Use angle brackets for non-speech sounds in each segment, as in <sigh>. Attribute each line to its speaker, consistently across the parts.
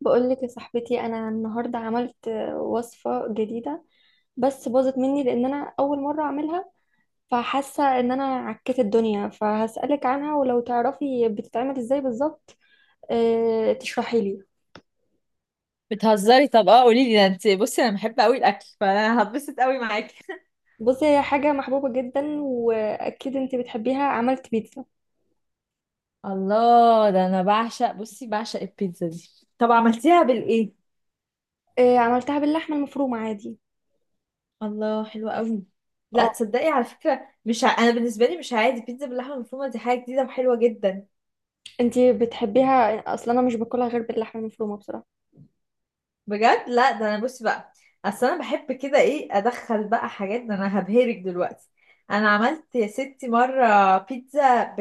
Speaker 1: بقولك يا صاحبتي، انا النهارده عملت وصفه جديده. بس باظت مني لان انا اول مره اعملها. فحاسه ان انا عكيت الدنيا، فهسالك عنها، ولو تعرفي بتتعمل ازاي بالظبط. أه، تشرحي لي.
Speaker 2: بتهزري؟ طب اه قولي لي ده. انت بصي انا بحب قوي الاكل، فانا هتبسط قوي معاكي.
Speaker 1: بصي، هي حاجه محبوبه جدا واكيد انت بتحبيها. عملت بيتزا.
Speaker 2: الله، ده انا بعشق، بصي بعشق البيتزا دي. طب عملتيها بالايه؟
Speaker 1: أه، عملتها باللحمه المفرومه عادي.
Speaker 2: الله حلوة قوي. لا
Speaker 1: اه،
Speaker 2: تصدقي على فكره، مش ع... انا بالنسبه لي مش عادي، بيتزا باللحمه المفرومه دي حاجه جديده وحلوه جدا.
Speaker 1: انت بتحبيها اصلا؟ انا مش باكلها غير باللحمه المفرومه بصراحه.
Speaker 2: بجد، لا ده انا بصي بقى، اصل انا بحب كده ايه، ادخل بقى حاجات، ده انا هبهرك دلوقتي. انا عملت يا ستي مره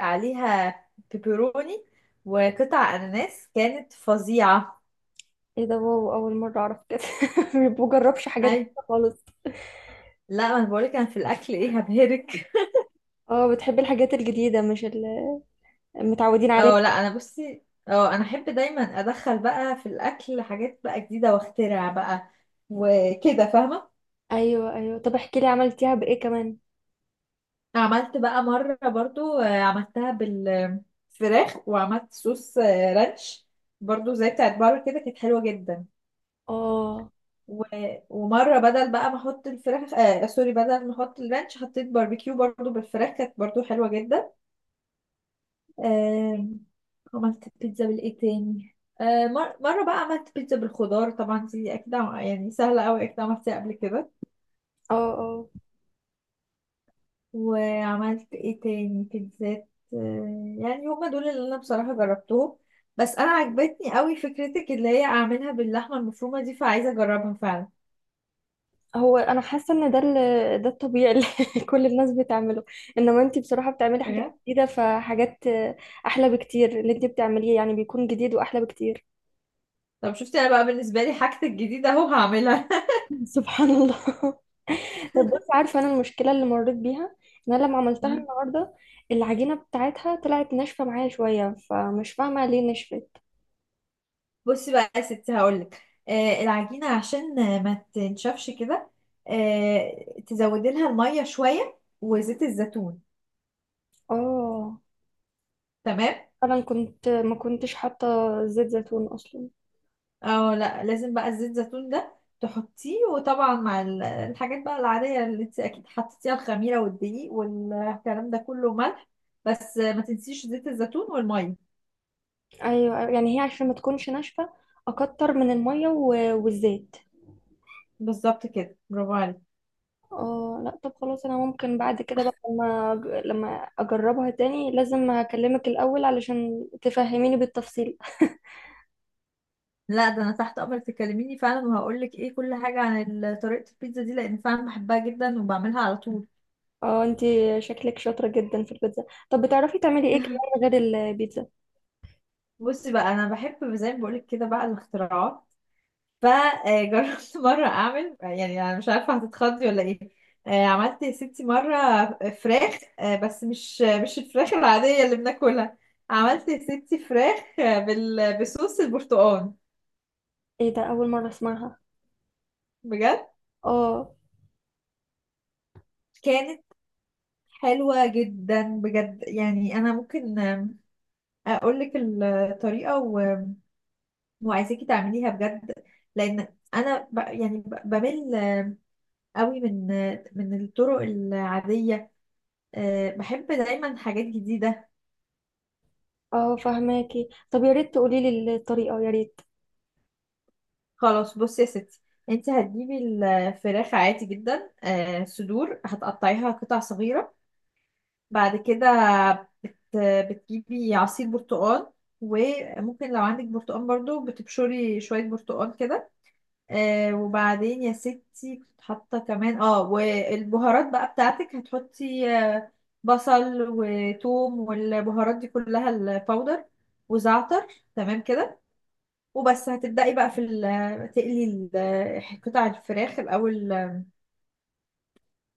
Speaker 2: عليها بيبروني وقطع اناناس، كانت فظيعه.
Speaker 1: ايه ده؟ واو، اول مره اعرف كده. <laughs> ما بجربش حاجات
Speaker 2: اي،
Speaker 1: جديدة خالص.
Speaker 2: لا ما انا بقولك، انا في الاكل ايه هبهرك.
Speaker 1: اه، بتحبي الحاجات الجديدة مش المتعودين عليها.
Speaker 2: اه لا انا بصي، اه انا احب دايما ادخل بقى في الاكل حاجات بقى جديده واخترع بقى وكده، فاهمه.
Speaker 1: ايوه ايوه، طب احكي لي عملتيها بايه كمان.
Speaker 2: عملت بقى مره برضو عملتها بالفراخ وعملت صوص رانش، برضو زي بتاعت بره كده، كانت حلوه جدا.
Speaker 1: اه
Speaker 2: و... ومره بدل بقى ما احط الفراخ، آه سوري، بدل ما احط الرانش حطيت باربيكيو برضو بالفراخ، كانت برضو حلوه جدا. آم، عملت بيتزا بالايه تاني، مرة بقى عملت بيتزا بالخضار، طبعا دي أكيد يعني سهلة أوي، أكيد عملتها قبل كده.
Speaker 1: اه اه.
Speaker 2: وعملت ايه تاني بيتزات، يعني هما دول اللي أنا بصراحة جربتهم. بس أنا عجبتني أوي فكرتك اللي هي أعملها باللحمة المفرومة دي، فعايزة أجربها فعلا.
Speaker 1: هو انا حاسة ان ده الطبيعي اللي <laughs> كل الناس بتعمله. انما انتي بصراحة بتعملي حاجات
Speaker 2: إيه؟
Speaker 1: جديدة، فحاجات احلى بكتير. اللي انتي بتعمليه يعني بيكون جديد واحلى بكتير.
Speaker 2: طب شفتي أنا بقى، بالنسبة لي حاجتي الجديدة أهو هعملها <laughs>
Speaker 1: <laughs> سبحان الله. <laughs> طب بصي، عارفة انا المشكلة اللي مريت بيها؟ ان انا لما عملتها
Speaker 2: مم.
Speaker 1: النهاردة، العجينة بتاعتها طلعت ناشفة معايا شوية، فمش فاهمة ليه نشفت.
Speaker 2: بصي بقى يا ستي هقولك، آه العجينة عشان ما تنشفش كده، آه تزودي لها المية شوية وزيت الزيتون.
Speaker 1: اه،
Speaker 2: تمام.
Speaker 1: انا كنت ما كنتش حاطه زيت زيتون اصلا.
Speaker 2: او لا، لازم بقى الزيت الزيتون ده تحطيه، وطبعا مع الحاجات بقى العادية اللي انت اكيد حطيتيها، الخميرة والدقيق والكلام ده كله، ملح. بس ما تنسيش زيت الزيتون والمية.
Speaker 1: ايوه أيوة، يعني هي عشان ما تكونش ناشفه اكتر من الميه والزيت.
Speaker 2: بالظبط كده، برافو عليك.
Speaker 1: اه لا، طب خلاص، انا ممكن بعد كده بقى لما لما اجربها تاني لازم هكلمك الاول علشان تفهميني بالتفصيل.
Speaker 2: لا ده انا تحت امرك، تكلميني فعلا وهقولك ايه كل حاجة عن طريقة البيتزا دي، لان فعلا بحبها جدا وبعملها على طول.
Speaker 1: اه، انتي شكلك شاطره جدا في البيتزا. طب بتعرفي تعملي ايه كمان غير البيتزا؟
Speaker 2: بصي بقى، انا بحب زي ما بقولك كده بقى الاختراعات، فجربت <laughs> مره اعمل يعني، انا مش عارفه هتتخضي ولا ايه. عملت يا ستي مره فراخ، بس مش الفراخ العاديه اللي بناكلها. عملت يا ستي فراخ، بصوص البرتقال.
Speaker 1: ايه ده؟ اول مره اسمعها.
Speaker 2: بجد،
Speaker 1: اه
Speaker 2: كانت حلوه جدا بجد، يعني انا ممكن اقول لك الطريقه وعايزاكي تعمليها بجد، لان انا بمل قوي من الطرق العادية. بحب دايما حاجات جديدة.
Speaker 1: اه، فهماكي. طب يا ريت تقولي لي الطريقه، يا ريت.
Speaker 2: خلاص بصي يا ستي، انت هتجيبي الفراخ عادي جدا، صدور هتقطعيها قطع صغيرة. بعد كده بت- بتجيبي عصير برتقال، وممكن لو عندك برتقال برضو بتبشري شوية برتقال كده. آه وبعدين يا ستي كنت حاطة كمان اه، والبهارات بقى بتاعتك هتحطي آه، بصل وثوم والبهارات دي كلها الباودر وزعتر. تمام كده، وبس هتبدأي بقى في تقلي قطع الفراخ الأول،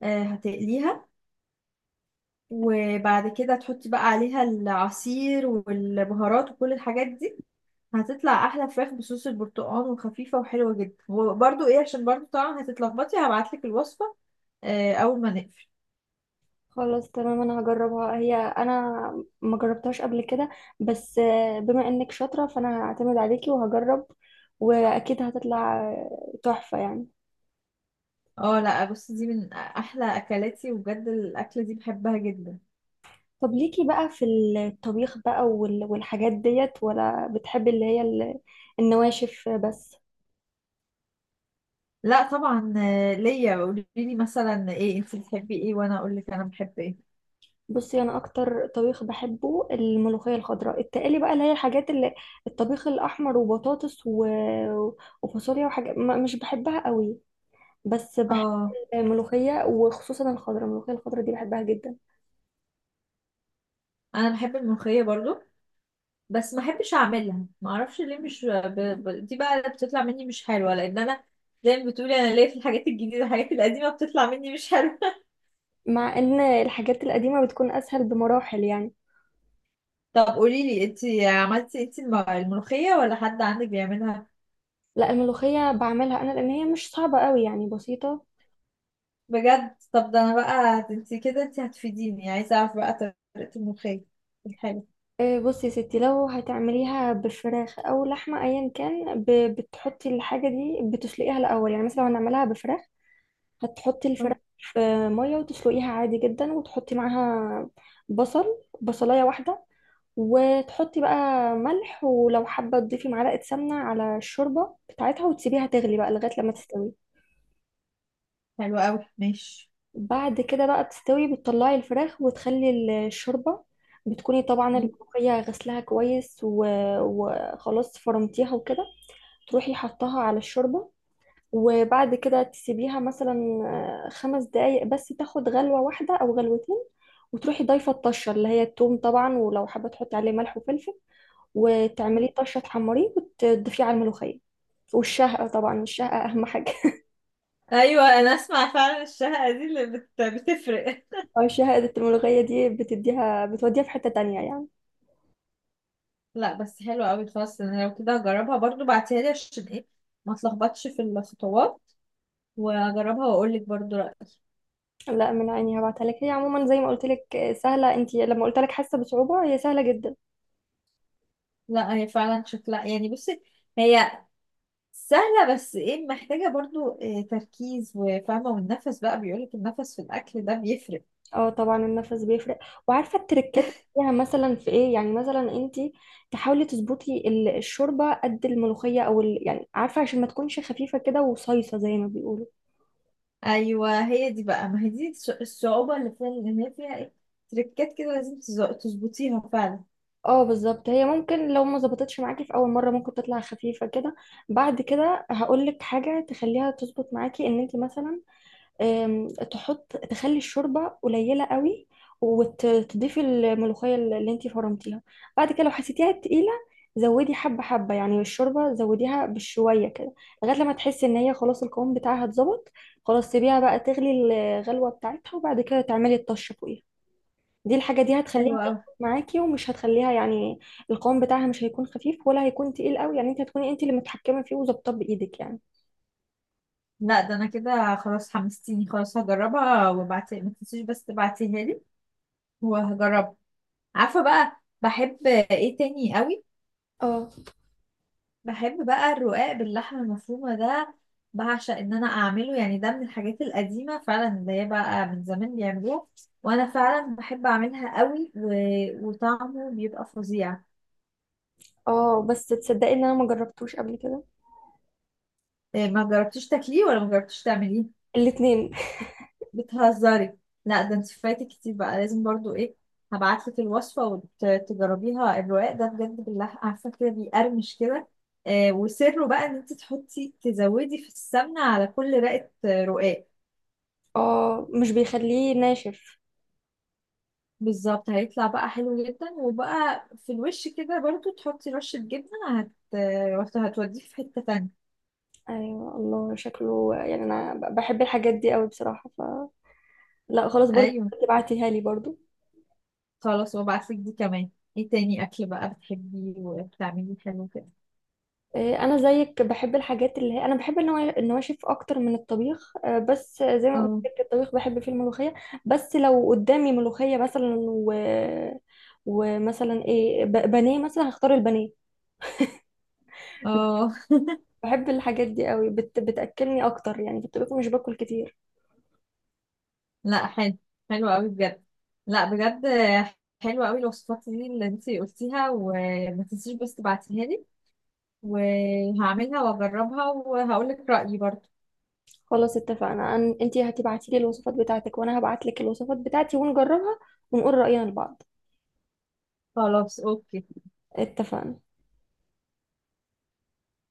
Speaker 2: آه هتقليها، وبعد كده تحطي بقى عليها العصير والبهارات وكل الحاجات دي. هتطلع احلى فراخ بصوص البرتقال، وخفيفه وحلوه جدا. وبرده ايه، عشان برده طبعا هتتلخبطي هبعتلك الوصفه، اول ما نقفل.
Speaker 1: خلاص تمام، انا هجربها. هي انا ما جربتهاش قبل كده. بس بما انك شاطرة، فانا هعتمد عليكي وهجرب، واكيد هتطلع تحفة يعني.
Speaker 2: اه لا، بص دي من احلى اكلاتي، وبجد الاكله دي بحبها جدا.
Speaker 1: طب ليكي بقى في الطبيخ بقى والحاجات ديت؟ ولا بتحبي اللي هي النواشف بس؟
Speaker 2: لا طبعا، ليا. قولي لي مثلا ايه، انت بتحبي ايه وانا اقول لك انا بحب ايه.
Speaker 1: بصي، انا اكتر طبيخ بحبه الملوخية الخضراء. التقلي بقى، اللي هي الحاجات اللي الطبيخ الاحمر وبطاطس وفاصوليا وحاجات مش بحبها قوي. بس بحب
Speaker 2: اه
Speaker 1: الملوخية، وخصوصا الملوخية الخضرة دي بحبها جدا.
Speaker 2: انا بحب الملوخيه برضو، بس ما احبش اعملها، ما اعرفش ليه. مش ب... ب... دي بقى اللي بتطلع مني مش حلوه، لان انا زي ما بتقولي، انا ليا في الحاجات الجديده، الحاجات القديمه بتطلع مني مش حلوه.
Speaker 1: مع ان الحاجات القديمة بتكون اسهل بمراحل يعني.
Speaker 2: طب قولي لي، انت عملتي انت الملوخية، ولا حد عندك بيعملها؟
Speaker 1: لا، الملوخية بعملها انا لان هي مش صعبة قوي، يعني بسيطة.
Speaker 2: بجد؟ طب ده انا بقى انت كده، انت هتفيديني، عايزة اعرف بقى طريقة الملوخية. حلو.
Speaker 1: بصي يا ستي، لو هتعمليها بفراخ او لحمة ايا كان، بتحطي الحاجة دي بتسلقيها الاول. يعني مثلا لو هنعملها بفراخ، هتحطي
Speaker 2: اه،
Speaker 1: الفراخ في مية وتسلقيها عادي جدا، وتحطي معاها بصل، بصلاية واحدة، وتحطي بقى ملح، ولو حابة تضيفي معلقة سمنة على الشوربة بتاعتها، وتسيبيها تغلي بقى لغاية لما تستوي.
Speaker 2: حلو قوي، ماشي.
Speaker 1: بعد كده بقى بتستوي، بتطلعي الفراخ وتخلي الشوربة. بتكوني طبعا
Speaker 2: مم.
Speaker 1: الملوخية غسلها كويس وخلاص فرمتيها وكده. تروحي حطها على الشوربة، وبعد كده تسيبيها مثلا 5 دقايق بس، تاخد غلوة واحدة أو غلوتين، وتروحي ضايفة الطشة اللي هي التوم طبعا، ولو حابة تحطي عليه ملح وفلفل، وتعمليه طشه، تحمريه وتضيفيه على الملوخيه. والشهقة طبعا، الشهقة أهم حاجة.
Speaker 2: ايوه انا اسمع فعلا الشهقة دي اللي بتفرق.
Speaker 1: <laughs> أو الشهقة الملوخية دي بتوديها في حتة تانية يعني.
Speaker 2: لا بس حلو قوي. خلاص انا لو كده هجربها برضو، بعتيها لي عشان ايه ما اتلخبطش في الخطوات، واجربها واقول لك برضو رأيي.
Speaker 1: لا، من عيني هبعتها لك. هي عموما زي ما قلت لك سهلة. انت لما قلت لك حاسة بصعوبة، هي سهلة جدا.
Speaker 2: لا هي فعلا شكلها يعني، بصي هي سهلة، بس ايه، محتاجة برضو إيه، تركيز وفاهمة والنفس بقى، بيقولك النفس في الأكل ده بيفرق.
Speaker 1: اه طبعا، النفس بيفرق، وعارفة التركات فيها مثلا في ايه؟ يعني مثلا انت تحاولي تظبطي الشوربة قد الملوخية او يعني عارفة، عشان ما تكونش خفيفة كده وصيصة زي ما بيقولوا.
Speaker 2: أيوة هي دي بقى، ما هي دي الصعوبة اللي فيها، لأن هي فيها ايه، تريكات كده لازم تظبطيها فعلا.
Speaker 1: اه بالظبط، هي ممكن لو ما ظبطتش معاكي في اول مره ممكن تطلع خفيفه كده. بعد كده هقول لك حاجه تخليها تظبط معاكي. ان انت مثلا تخلي الشوربه قليله قوي، وتضيفي الملوخيه اللي انت فرمتيها، بعد كده لو حسيتيها تقيله، زودي حبه حبه، يعني الشوربه زوديها بشويه كده، لغايه لما تحسي ان هي خلاص القوام بتاعها اتظبط. خلاص سيبيها بقى تغلي الغلوه بتاعتها، وبعد كده تعملي الطشه فوقيها. الحاجة دي هتخليها
Speaker 2: حلوة أوي.
Speaker 1: تظبط معاكي، ومش هتخليها يعني القوام بتاعها مش هيكون خفيف ولا هيكون تقيل قوي. يعني انت هتكوني انت اللي متحكمة فيه وظابطاه بإيدك يعني.
Speaker 2: لا ده أنا كده خلاص حمستيني، خلاص هجربها، وابعتي ما تنسيش بس تبعتيها لي وهجربها. عارفة بقى بحب ايه تاني أوي؟
Speaker 1: اه
Speaker 2: بحب بقى الرقاق باللحمة المفرومة ده، بعشق ان انا اعمله، يعني ده من الحاجات القديمة فعلا، اللي هي بقى من زمان بيعملوها، وانا فعلا بحب اعملها قوي، وطعمه بيبقى فظيع.
Speaker 1: اه، بس تصدقي ان انا ما جربتوش قبل كده؟
Speaker 2: إيه، ما جربتيش تاكليه ولا ما جربتيش تعمليه؟
Speaker 1: الاتنين.
Speaker 2: بتهزري؟ لا ده انت فايتك كتير، بقى لازم برضو ايه، هبعتلك الوصفة وتجربيها. الرقاق ده بجد باللحمة، عارفة كده بيقرمش كده، وسره بقى ان انت تحطي تزودي في السمنة على كل رقة، رقاق.
Speaker 1: اه مش بيخليه ناشف؟
Speaker 2: بالظبط، هيطلع بقى حلو جدا، وبقى في الوش كده برضو تحطي رشة جبنة، هتوديه في حتة تانية.
Speaker 1: ايوه الله، شكله يعني انا بحب الحاجات دي قوي بصراحة. لا خلاص، برضو
Speaker 2: ايوه.
Speaker 1: تبعتيها لي برضو.
Speaker 2: خلاص وابعتلك دي كمان. ايه تاني اكل بقى بتحبيه وبتعمليه حلو كده؟
Speaker 1: انا زيك بحب الحاجات اللي هي انا بحب النواشف اكتر من الطبيخ. بس زي ما قلت
Speaker 2: اه.
Speaker 1: لك الطبيخ بحب فيه الملوخيه. بس لو قدامي ملوخيه مثلا ومثلا ايه بانيه مثلا، هختار البانيه.
Speaker 2: اه.
Speaker 1: بحب الحاجات دي قوي بتاكلني اكتر. يعني في الطبيخ مش باكل كتير.
Speaker 2: لا حلو، حلو قوي بجد. لا بجد حلو قوي الوصفات دي اللي انت قلتيها، وما تنسيش بس تبعتيها لي، وهعملها واجربها وهقولك رأيي برضو.
Speaker 1: خلاص اتفقنا. انتي هتبعتي لي الوصفات بتاعتك، وانا هبعت لك الوصفات بتاعتي، ونجربها ونقول راينا لبعض.
Speaker 2: خلاص اوكي.
Speaker 1: اتفقنا.